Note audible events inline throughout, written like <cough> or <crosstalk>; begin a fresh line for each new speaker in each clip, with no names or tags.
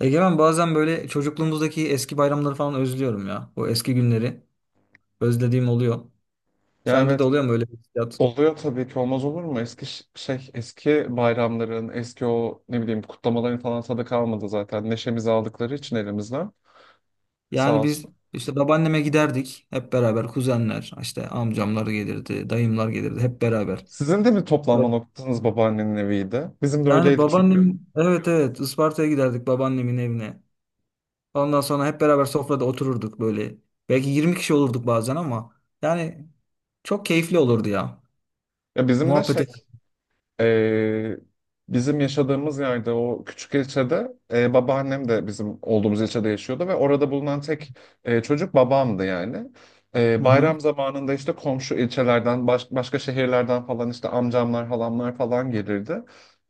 Egemen, bazen böyle çocukluğumuzdaki eski bayramları falan özlüyorum ya. O eski günleri özlediğim oluyor.
Ya,
Sende de
evet,
oluyor mu öyle bir hissiyat?
oluyor tabii ki, olmaz olur mu? Eski eski bayramların, eski o ne bileyim kutlamaların falan tadı kalmadı zaten. Neşemizi aldıkları için elimizden. Sağ
Yani biz
olsun.
işte babaanneme giderdik, hep beraber kuzenler, işte amcamlar gelirdi, dayımlar gelirdi hep beraber.
Sizin de mi
Evet.
toplanma noktanız babaannenin eviydi? Bizim de
Yani
öyleydi çünkü.
babaannem, evet evet, Isparta'ya giderdik, babaannemin evine. Ondan sonra hep beraber sofrada otururduk böyle. Belki 20 kişi olurduk bazen ama yani çok keyifli olurdu ya.
Ya bizim de
Muhabbet ederdik.
Ee, bizim yaşadığımız yerde o küçük ilçede babaannem de bizim olduğumuz ilçede yaşıyordu ve orada bulunan tek çocuk babamdı yani. E,
Hı hı.
bayram zamanında işte komşu ilçelerden başka şehirlerden falan işte amcamlar halamlar falan gelirdi.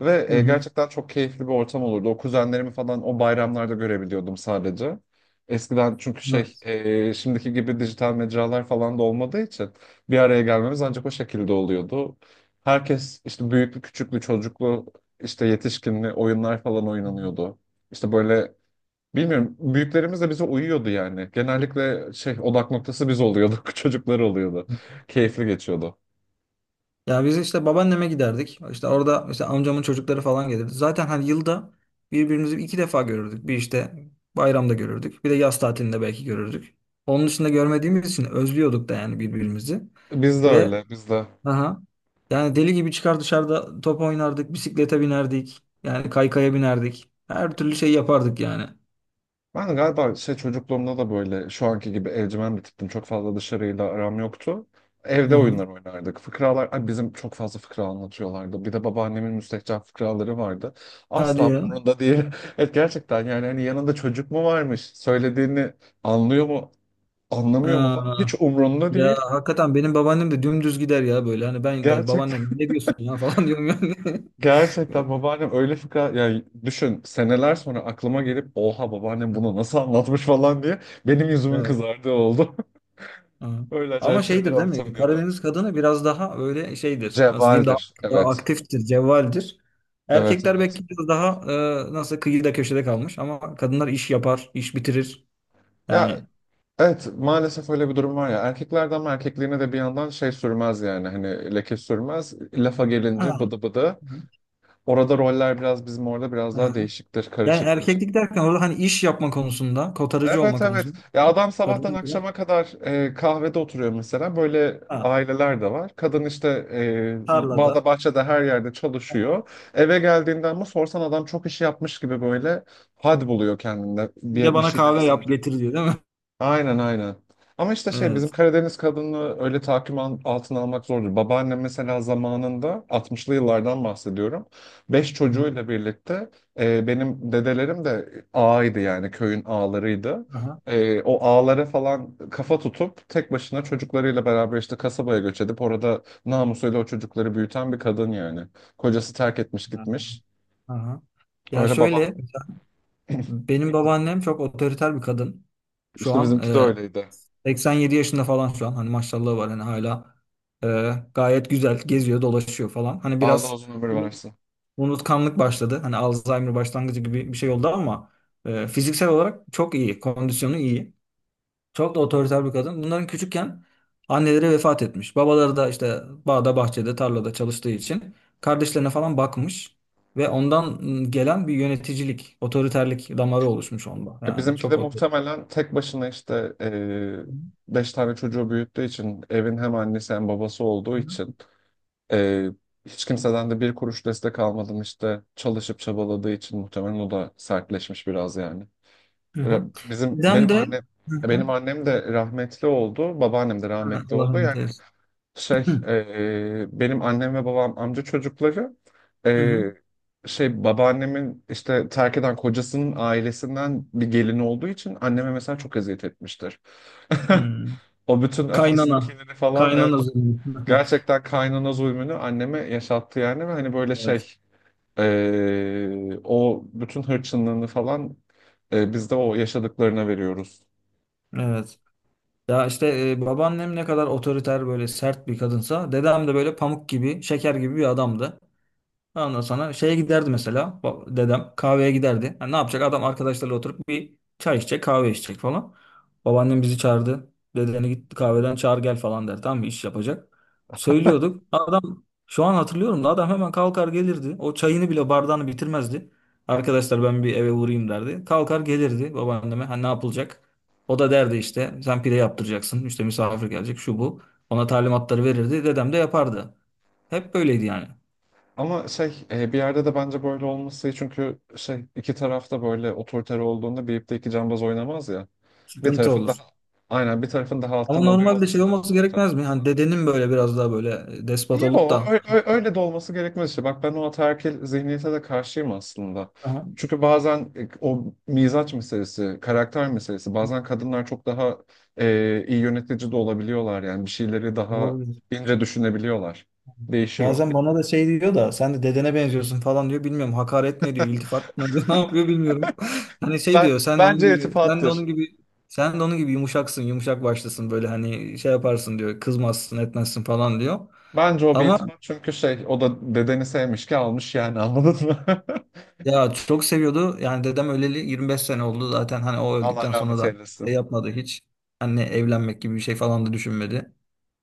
Ve
Hı hı.
gerçekten çok keyifli bir ortam olurdu. O kuzenlerimi falan o bayramlarda görebiliyordum sadece. Eskiden çünkü
Evet.
şimdiki gibi dijital mecralar falan da olmadığı için bir araya gelmemiz ancak o şekilde oluyordu. Herkes işte büyüklü, küçüklü, çocuklu, işte yetişkinli oyunlar falan
Hı
oynanıyordu. İşte böyle bilmiyorum, büyüklerimiz de bize uyuyordu yani. Genellikle şey, odak noktası biz oluyorduk, <laughs> çocuklar oluyordu.
hı.
Keyifli geçiyordu.
Ya biz işte babaanneme giderdik. İşte orada işte amcamın çocukları falan gelirdi. Zaten hani yılda birbirimizi iki defa görürdük. Bir işte bayramda görürdük. Bir de yaz tatilinde belki görürdük. Onun dışında görmediğimiz için özlüyorduk da yani birbirimizi.
Biz de
Ve
öyle, biz de.
aha, yani deli gibi çıkar dışarıda top oynardık, bisiklete binerdik. Yani kaykaya binerdik. Her türlü şey yapardık yani.
Ben galiba şey, çocukluğumda da böyle şu anki gibi evcimen bir tiptim. Çok fazla dışarıyla aram yoktu. Evde
Hı hı.
oyunlar oynardık. Fıkralar, ay, bizim çok fazla fıkra anlatıyorlardı. Bir de babaannemin müstehcen fıkraları vardı.
Hadi
Asla
ya.
umurunda değil. <laughs> Evet, gerçekten yani, hani yanında çocuk mu varmış? Söylediğini anlıyor mu? Anlamıyor mu falan? Hiç
Ha.
umurunda
Ya
değil.
hakikaten benim babaannem de dümdüz gider ya böyle. Hani ben der,
Gerçekten
babaannen ne diyorsun ya <laughs> falan diyorum yani.
<laughs> gerçekten
<laughs>
babaannem öyle fıkra, yani düşün, seneler sonra aklıma gelip oha babaannem bunu nasıl anlatmış falan diye benim yüzümün
Evet.
kızardığı oldu.
Hı.
Öyle
Ama
acayip şeyler
şeydir değil mi?
anlatabiliyordu.
Karadeniz kadını biraz daha öyle şeydir. Nasıl diyeyim, daha,
Cevvaldir.
daha
Evet.
aktiftir, cevvaldir.
Evet,
Erkekler
evet.
belki biraz daha nasıl kıyıda köşede kalmış ama kadınlar iş yapar, iş bitirir.
Ya
Yani
evet, maalesef öyle bir durum var ya. Erkeklerde ama erkekliğine de bir yandan şey sürmez yani. Hani leke sürmez. Lafa
Hı.
gelince bıdı bıdı.
Hı.
Orada roller biraz, bizim orada biraz
Hı.
daha değişiktir,
Yani
karışıktır.
erkeklik derken orada hani iş yapma konusunda, kotarıcı
Evet,
olma
evet.
konusunda
Ya
kadın,
adam
kadın
sabahtan
böyle,
akşama kadar kahvede oturuyor mesela. Böyle
ha,
aileler de var. Kadın işte bağda
tarlada.
bahçede her yerde
Ha.
çalışıyor. Eve geldiğinde ama sorsan adam çok iş yapmış gibi böyle had buluyor kendinde
Bir de
bir
bana
şeylere
kahve yap
saracak.
getir diyor değil mi? <laughs>
Aynen, aynen. Ama işte şey, bizim
Evet.
Karadeniz kadını öyle tahakküm altına almak zordur. Babaannem mesela zamanında, altmışlı yıllardan bahsediyorum. Beş
Hı hı.
çocuğuyla birlikte benim dedelerim de ağaydı yani, köyün ağalarıydı.
Aha.
E, o ağalara falan kafa tutup tek başına çocuklarıyla beraber işte kasabaya göç edip orada namusuyla o çocukları büyüten bir kadın yani. Kocası terk etmiş
Aha.
gitmiş.
Aha. Ya
Öyle
şöyle
babam.
benim babaannem çok otoriter bir kadın. Şu
İşte
an
bizimki de öyleydi.
87 yaşında falan şu an. Hani maşallahı var, hani hala gayet güzel geziyor, dolaşıyor falan. Hani
Allah
biraz
uzun ömür versin.
unutkanlık başladı. Hani Alzheimer başlangıcı gibi bir şey oldu ama fiziksel olarak çok iyi, kondisyonu iyi. Çok da otoriter bir kadın. Bunların küçükken anneleri vefat etmiş. Babaları da işte bağda, bahçede, tarlada çalıştığı için kardeşlerine falan bakmış. Ve ondan gelen bir yöneticilik, otoriterlik damarı oluşmuş onda.
E,
Yani
Bizimki de
çok otoriter.
muhtemelen tek başına işte
Hı
beş tane çocuğu büyüttüğü için, evin hem annesi hem babası olduğu
hı.
için, e, hiç kimseden de bir kuruş destek almadım işte, çalışıp çabaladığı için muhtemelen o da sertleşmiş biraz yani.
Hı
Ra-
hı.
Bizim
Dedem
benim
de
annem
Hı hı.
benim annem de rahmetli oldu, babaannem de
Ha,
rahmetli
Allah
oldu.
rahmet
Yani
eylesin.
şey,
<clears throat>
benim annem ve babam amca çocukları,
Hı
e,
hı.
babaannemin işte terk eden kocasının ailesinden bir gelini olduğu için anneme mesela çok eziyet etmiştir. <laughs>
Hmm.
O bütün öfkesini,
Kaynana.
kinini falan, evet,
Kaynana zulmü. <laughs>
gerçekten kaynana zulmünü anneme yaşattı yani. Ve hani böyle
Evet.
şey, o bütün hırçınlığını falan biz de o yaşadıklarına veriyoruz.
Evet. Ya işte babaannem ne kadar otoriter, böyle sert bir kadınsa, dedem de böyle pamuk gibi, şeker gibi bir adamdı. Ondan sonra şeye giderdi mesela, dedem kahveye giderdi. Ha, ne yapacak adam, arkadaşlarıyla oturup bir çay içecek, kahve içecek falan. Babaannem bizi çağırdı. Dedeni git kahveden çağır gel falan der. Tamam mı? İş yapacak. Söylüyorduk. Adam, şu an hatırlıyorum da, adam hemen kalkar gelirdi. O çayını bile, bardağını bitirmezdi. Arkadaşlar, ben bir eve uğrayayım derdi. Kalkar gelirdi babaanneme. Ha, ne yapılacak? O da derdi işte, sen pide yaptıracaksın. İşte misafir gelecek, şu bu. Ona talimatları verirdi. Dedem de yapardı. Hep böyleydi yani.
Ama şey, bir yerde de bence böyle olması iyi, çünkü şey, iki tarafta böyle otoriter olduğunda bir ipte iki cambaz oynamaz ya. Bir
Sıkıntı
tarafın daha,
olur.
aynen, bir tarafın daha
Ama
alttan alıyor
normalde şey
olması lazım
olması
zaten.
gerekmez mi? Hani dedenin böyle biraz daha böyle despot olup
Yo
da.
ö- ö- öyle de olması gerekmez işte. Bak, ben o ataerkil zihniyete de karşıyım aslında.
Aha.
Çünkü bazen o mizaç meselesi, karakter meselesi, bazen kadınlar çok daha iyi yönetici de olabiliyorlar yani, bir şeyleri daha
Olabilir.
ince düşünebiliyorlar. Değişir o.
Bazen bana da şey diyor da, sen de dedene benziyorsun falan diyor. Bilmiyorum, hakaret mi ediyor, iltifat mı ediyor, <laughs> ne yapıyor bilmiyorum. <laughs> Hani şey
Ben,
diyor,
bence irtifattır.
sen de onun gibi yumuşaksın, yumuşak başlısın böyle, hani şey yaparsın diyor. Kızmazsın, etmezsin falan diyor.
Bence o bir
Ama
ihtimal çünkü şey, o da dedeni sevmiş ki almış yani, anladın mı? <laughs>
ya, çok seviyordu. Yani dedem öleli 25 sene oldu zaten. Hani o
Allah
öldükten sonra
rahmet
da şey
eylesin.
yapmadı hiç. Anne evlenmek gibi bir şey falan da düşünmedi.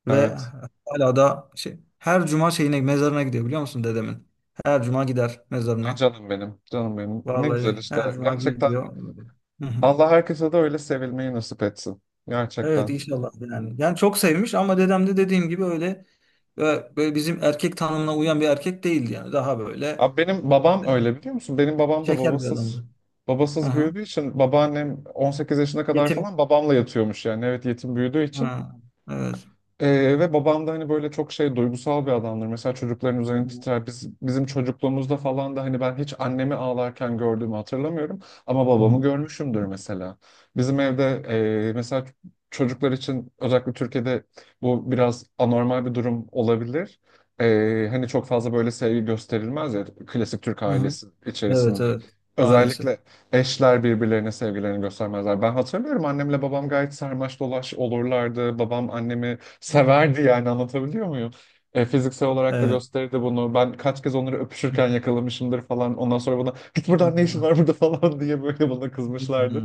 Ve
Evet.
hala da şey, her cuma şeyine, mezarına gidiyor, biliyor musun dedemin? Her cuma gider
Ay
mezarına.
canım benim. Canım benim. Ne
Vallahi
güzel
her
işte.
cuma
Gerçekten
gidiyor. Hı hı.
Allah herkese de öyle sevilmeyi nasip etsin.
Evet
Gerçekten.
inşallah yani. Yani çok sevmiş ama dedem de dediğim gibi öyle, böyle bizim erkek tanımına uyan bir erkek değildi yani. Daha böyle
Abi benim babam öyle, biliyor musun? Benim babam da
şeker bir
babasız
adamdı. Hı
babasız
hı.
büyüdüğü için babaannem 18 yaşına kadar
Yetim.
falan babamla yatıyormuş yani. Evet, yetim büyüdüğü için.
Ha, evet.
Ve babam da hani böyle çok şey, duygusal bir adamdır. Mesela çocukların üzerine
Hı
titrer. Bizim çocukluğumuzda falan da hani ben hiç annemi ağlarken gördüğümü hatırlamıyorum. Ama babamı
hı.
görmüşümdür mesela. Bizim evde mesela çocuklar için, özellikle Türkiye'de bu biraz anormal bir durum olabilir. Hani çok fazla böyle sevgi gösterilmez ya klasik Türk
Hı hı.
ailesi
Evet
içerisinde.
evet, maalesef.
Özellikle eşler birbirlerine sevgilerini göstermezler. Ben hatırlıyorum, annemle babam gayet sarmaş dolaş olurlardı. Babam annemi
Hı.
severdi yani, anlatabiliyor muyum? E, fiziksel olarak da
Evet.
gösterdi bunu. Ben kaç kez onları
Hı.
öpüşürken yakalamışımdır falan. Ondan sonra bana git buradan, ne işin var burada <laughs> falan diye böyle bana kızmışlardır.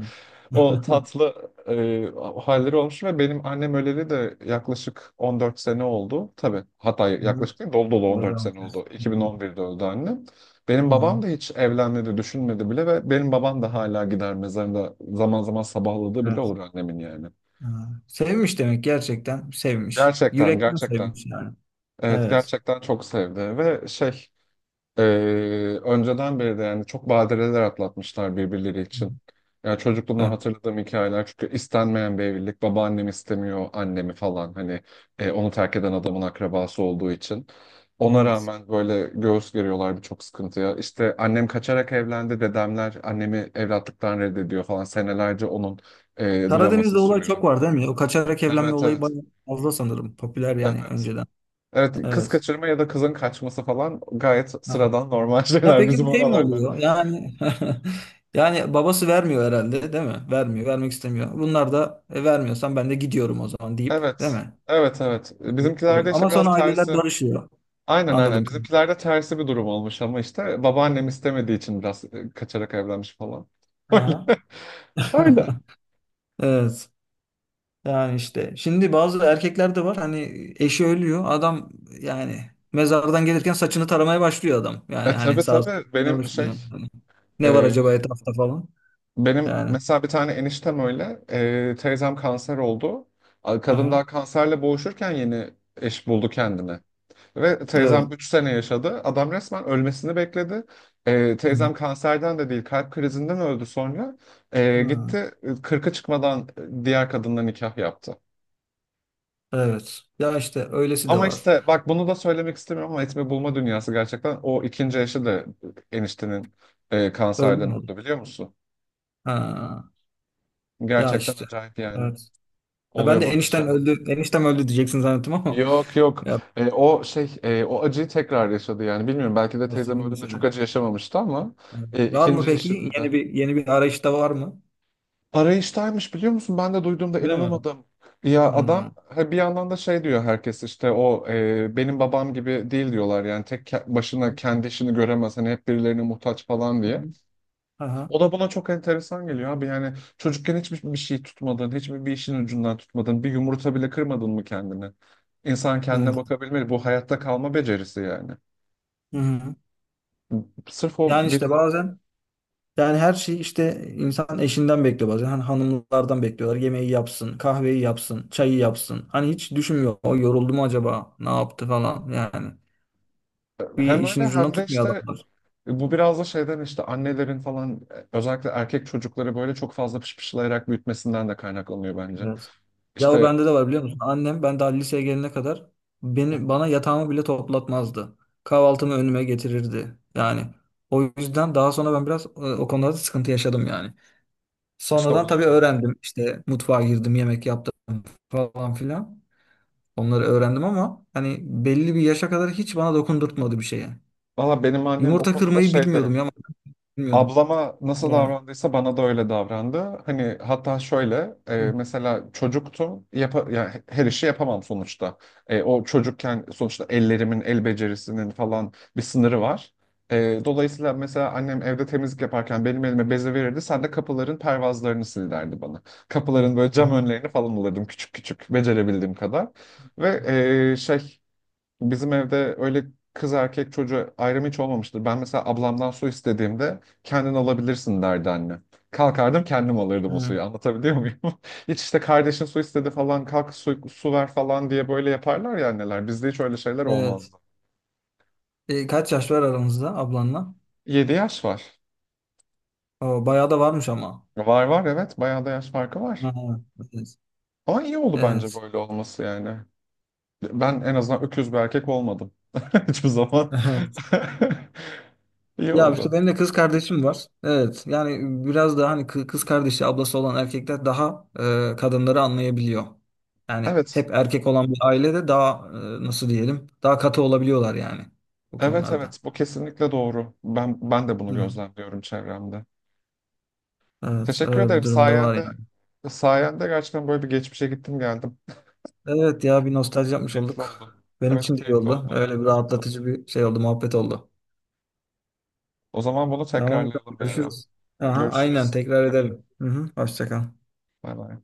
O
Hı. <laughs>
tatlı halleri olmuş. Ve benim annem öleli de yaklaşık 14 sene oldu. Tabii hatta yaklaşık değil, dolu dolu
Allah
14 sene
rahmet
oldu.
eylesin. Hı hı.
2011'de öldü annem. Benim
Aha.
babam da hiç evlenmedi, düşünmedi bile. Ve benim babam da hala gider mezarında, zaman zaman sabahladığı bile
Evet.
olur annemin yani.
Aha. Sevmiş demek, gerçekten sevmiş.
Gerçekten,
Yürekten
gerçekten.
sevmiş yani.
Evet,
Evet.
gerçekten çok sevdi. Ve şey, e, önceden beri de yani çok badireler atlatmışlar birbirleri için. Yani çocukluğumdan
Evet.
hatırladığım hikayeler, çünkü istenmeyen bir evlilik, babaannem istemiyor annemi falan, hani onu terk eden adamın akrabası olduğu için. Ona
Evet.
rağmen böyle göğüs geriyorlar birçok sıkıntıya. İşte annem kaçarak evlendi, dedemler annemi evlatlıktan reddediyor falan, senelerce onun e, draması
Karadeniz'de olay
sürüyor.
çok var değil mi? O kaçarak evlenme
Evet,
olayı
evet,
bayağı fazla sanırım. Popüler yani
evet,
önceden.
evet. Kız
Evet.
kaçırma ya da kızın kaçması falan gayet
Ha.
sıradan normal <laughs>
Ya
şeyler
peki bu
bizim
şey mi
oralarda.
oluyor? Yani <laughs> yani babası vermiyor herhalde değil mi? Vermiyor, vermek istemiyor. Bunlar da "E, vermiyorsan ben de gidiyorum o zaman" deyip değil
Evet.
mi?
Evet, evet.
Ben de gidiyorum.
Bizimkilerde işte
Ama
biraz
sonra aileler
tersi.
barışıyor.
Aynen, aynen.
Anladım.
Bizimkilerde tersi bir durum olmuş ama işte babaannem istemediği için biraz kaçarak evlenmiş falan. <laughs> Öyle.
Aha.
Öyle.
<laughs> Evet. Yani işte şimdi bazı erkekler de var, hani eşi ölüyor adam, yani mezardan gelirken saçını taramaya başlıyor adam. Yani
E,
hani
tabii
sağ sola
tabii,
bakmaya
benim şey,
başlıyor. Hani ne var
e,
acaba etrafta falan.
benim
Yani.
mesela bir tane eniştem öyle, teyzem kanser oldu. Kadın
Aha.
daha kanserle boğuşurken yeni eş buldu kendine. Ve teyzem
Evet.
3 sene yaşadı. Adam resmen ölmesini bekledi.
Hı hı.
Teyzem kanserden de değil, kalp krizinden öldü sonra.
Hı.
Gitti, 40'a çıkmadan diğer kadınla nikah yaptı.
Evet. Ya işte öylesi de
Ama
var.
işte bak, bunu da söylemek istemiyorum ama etme bulma dünyası gerçekten. O ikinci eşi de, eniştenin,
Öldü
kanserden
mü oğlum?
öldü biliyor musun?
Ha. Ya
Gerçekten
işte.
acayip yani.
Evet. Ha, ben
Oluyor
de
böyle
enişten
şeyler.
öldü, eniştem öldü diyeceksin zannettim ama.
Yok,
<laughs>
yok.
Ya
O şey, o acıyı tekrar yaşadı yani. Bilmiyorum, belki de teyzem öldüğünde
neyse
çok
de.
acı yaşamamıştı ama
Yani var mı
ikinci eşi
peki?
de.
Yeni bir arayışta var mı?
Arayıştaymış, biliyor musun? Ben de duyduğumda
Değil mi?
inanamadım. Ya
Hı. Hı
adam ha, bir yandan da şey diyor herkes, işte o benim babam gibi değil diyorlar yani, tek başına
hı.
kendi işini göremez, hani hep birilerine muhtaç falan
Hı
diye.
hı. Aha.
O da bana çok enteresan geliyor abi. Yani çocukken hiçbir şey tutmadın, hiçbir işin ucundan tutmadın, bir yumurta bile kırmadın mı kendini? İnsan kendine
Evet.
bakabilmeli, bu hayatta kalma becerisi yani.
Hı hı.
Sırf o
Yani
bir,
işte bazen, yani her şeyi işte insan eşinden bekliyor bazen. Hani hanımlardan bekliyorlar. Yemeği yapsın, kahveyi yapsın, çayı yapsın. Hani hiç düşünmüyor. O yoruldu mu acaba? Ne yaptı falan yani. Bir
hem
işin
öyle
ucundan
hem de
tutmuyor
işte,
adamlar.
Bu biraz da şeyden işte, annelerin falan özellikle erkek çocukları böyle çok fazla pışpışlayarak büyütmesinden de kaynaklanıyor bence.
Evet. Ya o
İşte
bende de var biliyor musun? Annem ben daha liseye gelene kadar beni, bana yatağımı bile toplatmazdı. Kahvaltımı önüme getirirdi. Yani o yüzden daha sonra ben biraz o konuda da sıkıntı yaşadım yani.
işte
Sonradan tabii
oluyor.
öğrendim. İşte mutfağa girdim, yemek yaptım falan filan. Onları öğrendim ama hani belli bir yaşa kadar hiç bana dokundurtmadı bir şeye.
Valla benim annem o
Yumurta
konuda
kırmayı
şeyde,
bilmiyordum ya, bilmiyordum.
ablama nasıl
Yani.
davrandıysa bana da öyle davrandı. Hani hatta şöyle,
Hı,
mesela çocuktum, yapa, yani her işi yapamam sonuçta. E, o çocukken sonuçta ellerimin, el becerisinin falan bir sınırı var. E, dolayısıyla mesela annem evde temizlik yaparken benim elime beze verirdi. Sen de kapıların pervazlarını sil derdi bana.
hı,
Kapıların böyle cam
hı,
önlerini falan alırdım, küçük küçük becerebildiğim kadar. Ve e, şey bizim evde öyle kız erkek çocuğu ayrımı hiç olmamıştır. Ben mesela ablamdan su istediğimde kendin alabilirsin derdi anne. Kalkardım, kendim alırdım o
hı.
suyu. Anlatabiliyor muyum? <laughs> Hiç işte, kardeşin su istedi falan, kalk su ver falan diye böyle yaparlar ya anneler. Bizde hiç öyle şeyler
Evet.
olmazdı.
E, kaç yaş var aranızda ablanla?
7 yaş var.
Oo, bayağı da varmış ama.
Var var, evet, bayağı da yaş farkı
Hı,
var.
hı. Evet.
Ama iyi oldu bence
Evet.
böyle olması yani. Ben en azından öküz bir erkek olmadım. <laughs> Hiçbir zaman.
<laughs>
<laughs> İyi
Ya
oldu.
işte benim de kız kardeşim var. Evet. Yani biraz daha hani, kız kardeşi, ablası olan erkekler daha kadınları anlayabiliyor. Yani
Evet.
hep erkek olan bir ailede daha nasıl diyelim, daha katı olabiliyorlar yani bu
Evet,
konularda.
evet, bu kesinlikle doğru. Ben de bunu
Hı.
gözlemliyorum çevremde.
Evet,
Teşekkür
öyle bir
ederim.
durumda var yani.
Sayende gerçekten böyle bir geçmişe gittim geldim.
Evet ya, bir nostalji yapmış
Keyifli
olduk.
oldu.
Benim
Evet,
için de iyi
keyifli
oldu.
oldu.
Öyle bir rahatlatıcı bir şey oldu, muhabbet oldu.
O zaman bunu
Tamam,
tekrarlayalım bir ara.
görüşürüz. Aha, aynen,
Görüşürüz.
tekrar edelim. Hı hı, hoşça kal.
Bay bay.